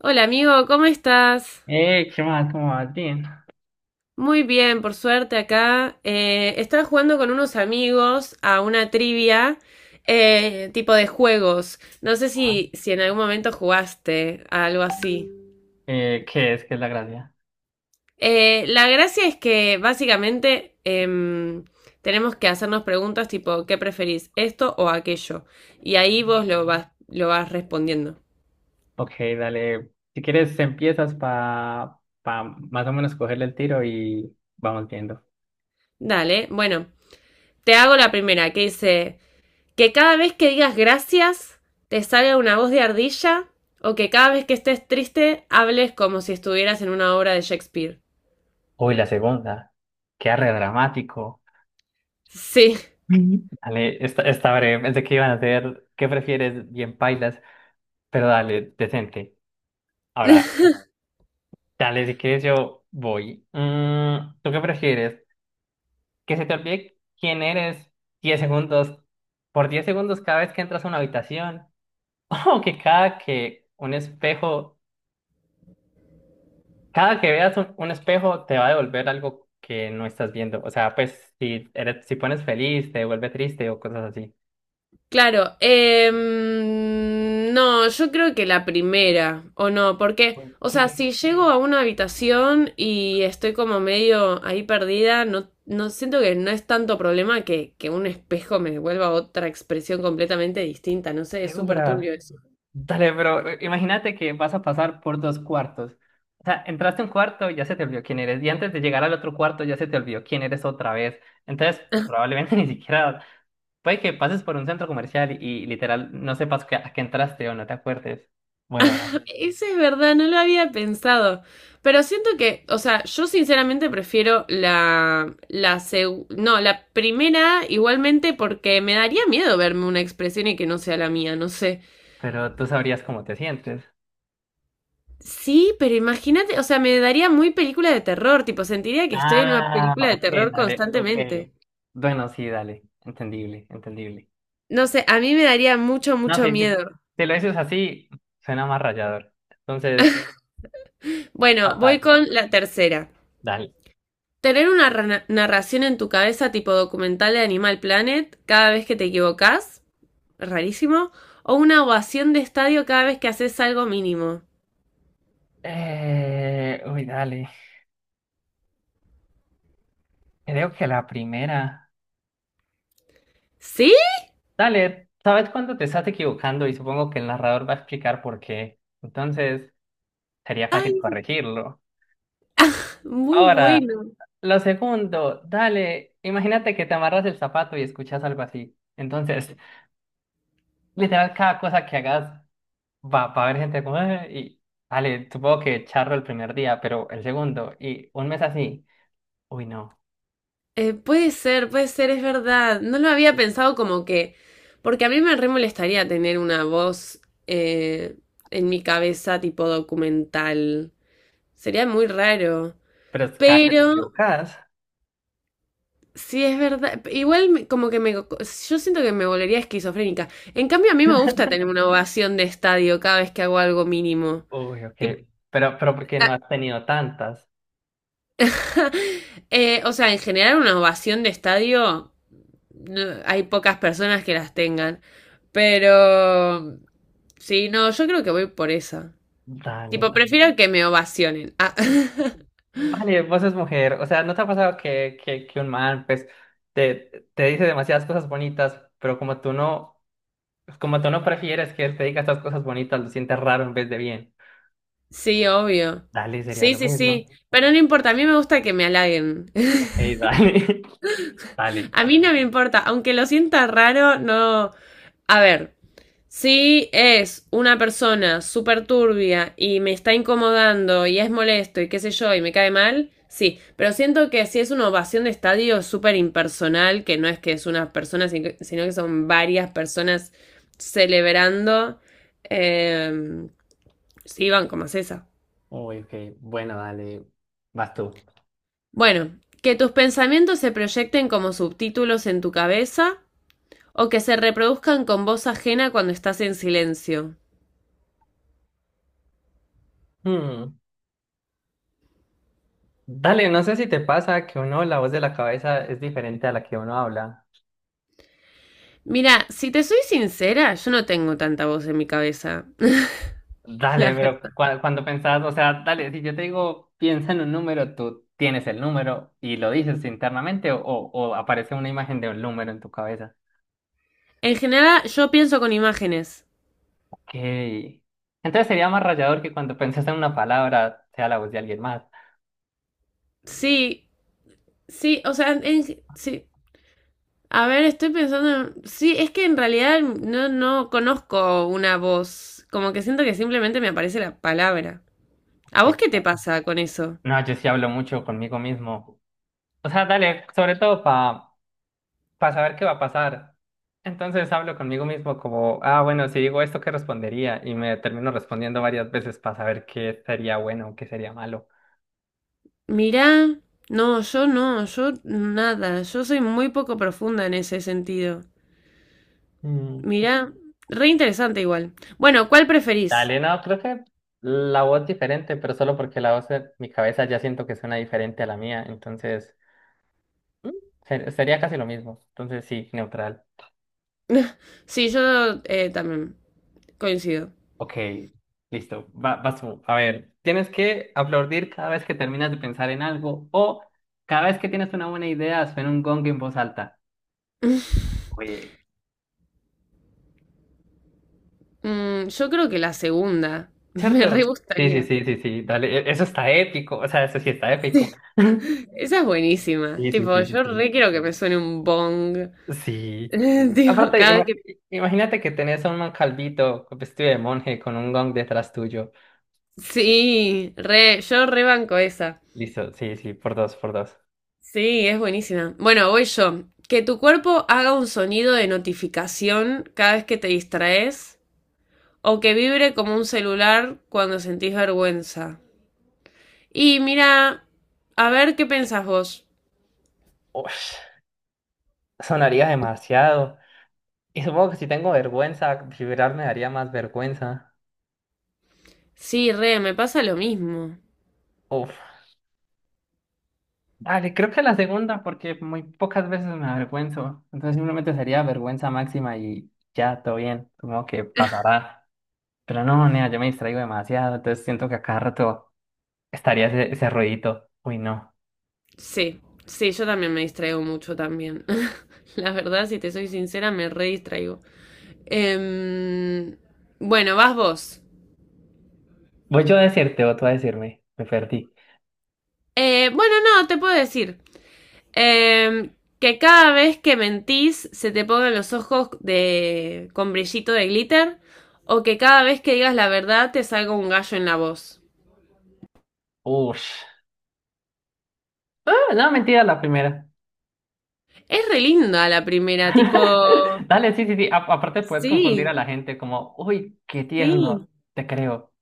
Hola amigo, ¿cómo estás? ¿Qué más? ¿Cómo vas? Bien. Muy bien, por suerte acá. Estaba jugando con unos amigos a una trivia tipo de juegos. No sé Ah, si en algún momento jugaste a algo así. ¿Qué es? ¿Qué es la gracia? La gracia es que básicamente tenemos que hacernos preguntas tipo, ¿qué preferís? ¿Esto o aquello? Y ahí Ok. vos lo vas respondiendo. Ok, dale. Si quieres, empiezas para pa pa más o menos cogerle el tiro y vamos viendo. Dale, bueno, te hago la primera que dice... Que cada vez que digas gracias te salga una voz de ardilla o que cada vez que estés triste hables como si estuvieras en una obra de Shakespeare. Uy, la segunda. Qué arre dramático. Sí. Mm. Dale, esta breve. Pensé que iban a hacer ¿qué prefieres? Bien pailas, pero dale, decente. Ahora, dale, si quieres yo voy. Mm, ¿tú qué prefieres? Que se te olvide quién eres 10 segundos, por 10 segundos cada vez que entras a una habitación. O que cada que veas un espejo te va a devolver algo que no estás viendo. O sea, pues si pones feliz, te devuelve triste o cosas así. Claro. No, yo creo que la primera, o no, porque, Como, o sea, ¿qué? si llego a una habitación y estoy como medio ahí perdida, no, no siento que no es tanto problema que un espejo me devuelva otra expresión completamente distinta, no sé, es súper turbio ¿Segura? eso. Dale, pero imagínate que vas a pasar por dos cuartos. O sea, entraste a un cuarto, ya se te olvidó quién eres. Y antes de llegar al otro cuarto, ya se te olvidó quién eres otra vez. Entonces, probablemente ni siquiera, puede que pases por un centro comercial y literal no sepas a qué entraste o no te acuerdes. Bueno, Eso es verdad, no lo había pensado. Pero siento que, o sea, yo sinceramente prefiero la no, la primera igualmente porque me daría miedo verme una expresión y que no sea la mía, no sé. pero tú sabrías cómo te sientes. Sí, pero imagínate, o sea, me daría muy película de terror, tipo, sentiría que estoy en una Ah, película de ok, terror dale, ok. constantemente. Bueno, sí, dale, entendible, entendible. No sé, a mí me daría mucho, No, mucho sí, sí. miedo. Si lo dices así, suena más rayador. Entonces, Bueno, fatal. voy con la tercera. Dale. Tener una narración en tu cabeza tipo documental de Animal Planet cada vez que te equivocas. Rarísimo, o una ovación de estadio cada vez que haces algo mínimo. Uy, dale. Creo que la primera. ¿Sí? Dale, ¿sabes cuándo te estás equivocando? Y supongo que el narrador va a explicar por qué. Entonces, sería Ay, fácil corregirlo. muy Ahora, bueno. lo segundo, dale. Imagínate que te amarras el zapato y escuchas algo así. Entonces, literal, cada cosa que hagas va a haber gente como, y vale, supongo que charro el primer día, pero el segundo, y un mes así, uy, no, Puede ser, puede ser, es verdad. No lo había pensado como que... Porque a mí me re molestaría tener una voz, eh, en mi cabeza tipo documental. Sería muy raro. pero es cada que te Pero equivocas, sí es verdad. Como que me... Yo siento que me volvería esquizofrénica. En cambio, a mí me gusta tener una ovación de estadio cada vez que hago algo mínimo. uy, ok, Tip- pero porque no has tenido tantas, o sea, en general una ovación de estadio no, hay pocas personas que las tengan. Pero... Sí, no, yo creo que voy por esa. Tipo, dale, prefiero que me ovacionen. Ah. vale, vos sos mujer, o sea, ¿no te ha pasado que un man, pues, te dice demasiadas cosas bonitas, pero como tú no prefieres que él te diga estas cosas bonitas, lo sientes raro en vez de bien, Sí, obvio. dale, sería Sí, lo sí, mismo, sí. Pero no importa, a mí me gusta que me halaguen. ok, dale, dale. A mí no me importa, aunque lo sienta raro, no. A ver, si es una persona súper turbia y me está incomodando y es molesto y qué sé yo y me cae mal, sí, pero siento que si es una ovación de estadio súper impersonal, que no es que es una persona, sino que son varias personas celebrando, eh, sí, van como es esa. Uy, ok. Bueno, dale, vas tú. Bueno, que tus pensamientos se proyecten como subtítulos en tu cabeza o que se reproduzcan con voz ajena cuando estás en silencio. Hmm, dale, no sé si te pasa que uno, la voz de la cabeza es diferente a la que uno habla. Mira, si te soy sincera, yo no tengo tanta voz en mi cabeza. La Dale, pero verdad, cuando pensás, o sea, dale, si yo te digo, piensa en un número, tú tienes el número y lo dices internamente o aparece una imagen de un número en tu cabeza. en general, yo pienso con imágenes. Ok. Entonces sería más rayador que cuando pensás en una palabra sea la voz de alguien más. Sí, sí, o sea, sí. A ver, estoy pensando en... Sí, es que en realidad no, no conozco una voz. Como que siento que simplemente me aparece la palabra. ¿A vos qué Ok. te pasa con eso? No, yo sí hablo mucho conmigo mismo. O sea, dale, sobre todo para saber qué va a pasar. Entonces hablo conmigo mismo como, ah, bueno, si digo esto, ¿qué respondería? Y me termino respondiendo varias veces para saber qué sería bueno o qué sería malo. Mirá, no, yo no, yo nada, yo soy muy poco profunda en ese sentido. Mm, Mirá, re interesante igual. Bueno, ¿cuál preferís? dale, no, creo que la voz diferente, pero solo porque la voz de mi cabeza ya siento que suena diferente a la mía, entonces mm, sería casi lo mismo. Entonces sí, neutral. Sí, yo, también coincido. Ok, listo, vas tú. A ver, tienes que aplaudir cada vez que terminas de pensar en algo o cada vez que tienes una buena idea, suena un gong en voz alta. Oye, Mm, yo creo que la segunda. Me ¿cierto? re Sí, sí, gustaría. sí, sí, sí, dale, eso está épico, o sea, eso sí está épico. Esa es buenísima. Sí, sí, Tipo, sí, sí, yo sí. re quiero que me suene un bong. Sí. Tipo, Aparte, cada vez que... imagínate que tenés a un calvito con vestido de monje con un gong detrás tuyo. Sí, re, yo re banco esa. Listo, sí, sí, por dos, por dos. Sí, es buenísima. Bueno, voy yo. Que tu cuerpo haga un sonido de notificación cada vez que te distraes o que vibre como un celular cuando sentís vergüenza. Y mira, a ver qué pensás vos. Ush, sonaría demasiado. Y supongo que si tengo vergüenza, vibrar me daría más vergüenza. Sí, re, me pasa lo mismo. Uf. Dale, creo que la segunda, porque muy pocas veces me avergüenzo. Entonces simplemente sería vergüenza máxima y ya, todo bien. Supongo que pasará. Pero no, nea, yo me distraigo demasiado. Entonces siento que a cada rato estaría ese ruidito. Uy, no. Sí, sí, yo también me distraigo mucho también. La verdad, si te soy sincera, me re distraigo. Em, bueno, vas vos. Voy yo a decirte o tú a decirme. Me perdí. Bueno, no, te puedo decir, em, que cada vez que mentís se te pongan los ojos de con brillito de glitter o que cada vez que digas la verdad te salga un gallo en la voz. Ush. Ah, no, mentira, la primera. Es re linda la primera, tipo... Dale, sí, sí, sí. Aparte puedes confundir a Sí, la gente como, uy, qué tierno, sí, te creo.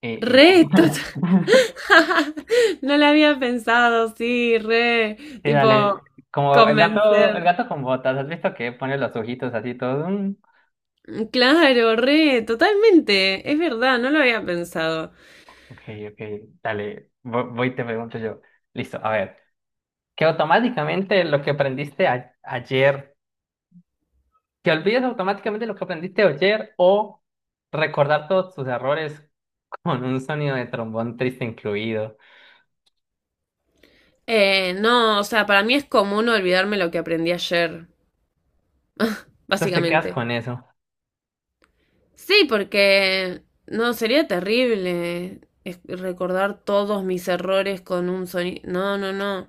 Y ya. re, total. No la había pensado, sí, re, Sí, tipo, dale, como el gato, el convencer. gato con botas, ¿has visto que pone los ojitos así todos? Mm, Mm, claro, re, totalmente, es verdad, no lo había pensado. ok, ok, dale, voy y te pregunto yo. Listo, a ver, que automáticamente lo que aprendiste a- ayer, que olvides automáticamente lo que aprendiste ayer o recordar todos tus errores con un sonido de trombón triste incluido. No, o sea, para mí es común olvidarme lo que aprendí ayer, Entonces te quedas básicamente. con eso. Sí, porque, no, sería terrible recordar todos mis errores con un sonido. No, no, no.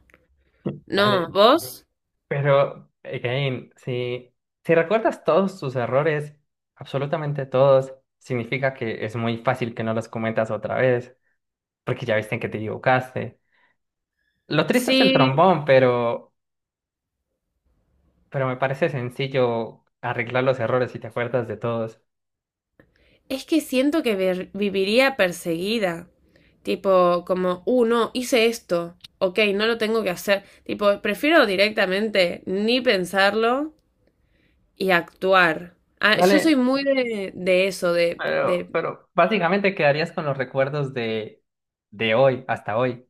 No, Dale. ¿vos? Pero, again, si recuerdas todos tus errores, absolutamente todos, significa que es muy fácil que no los cometas otra vez, porque ya viste en que te equivocaste. Lo triste es el Sí, trombón, pero me parece sencillo arreglar los errores si te acuerdas de todos. es que siento que viviría perseguida. Tipo, como, no, hice esto. Ok, no lo tengo que hacer. Tipo, prefiero directamente ni pensarlo y actuar. Ah, yo soy Dale, muy de eso, de, pero, de... pero básicamente quedarías con los recuerdos de hoy, hasta hoy,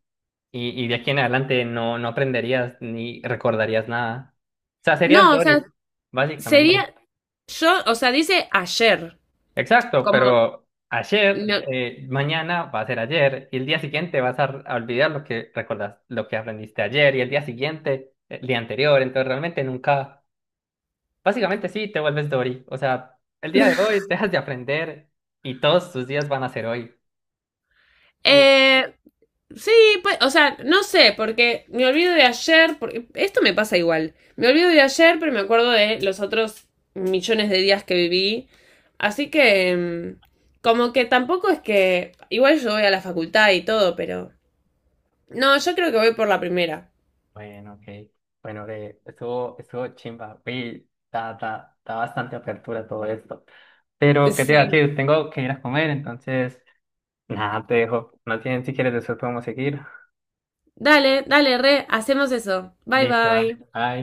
y de aquí en adelante no aprenderías ni recordarías nada. O sea, serías No, o sea, Dory, básicamente. sería... Yo, o sea, dice ayer. Exacto, Como, pero ayer, no, mañana va a ser ayer y el día siguiente vas a olvidar lo que recordás, lo que aprendiste ayer y el día siguiente, el día anterior, entonces realmente nunca, básicamente sí, te vuelves Dory, o sea, el día de hoy dejas de aprender y todos tus días van a ser hoy. Y, Eh, sí, pues, o sea, no sé, porque me olvido de ayer, porque esto me pasa igual. Me olvido de ayer, pero me acuerdo de los otros millones de días que viví. Así que, mm, como que tampoco es que, igual yo voy a la facultad y todo, pero... No, yo creo que voy por la primera. bueno, ok, bueno, que estuvo chimba, uy, da bastante apertura todo esto. Pero, ¿qué te iba a Sí. decir? Tengo que ir a comer, entonces, nada, te dejo. No tienen, si quieres, después podemos seguir. Dale, dale, re, hacemos eso. Bye Listo, dale. bye. Bye.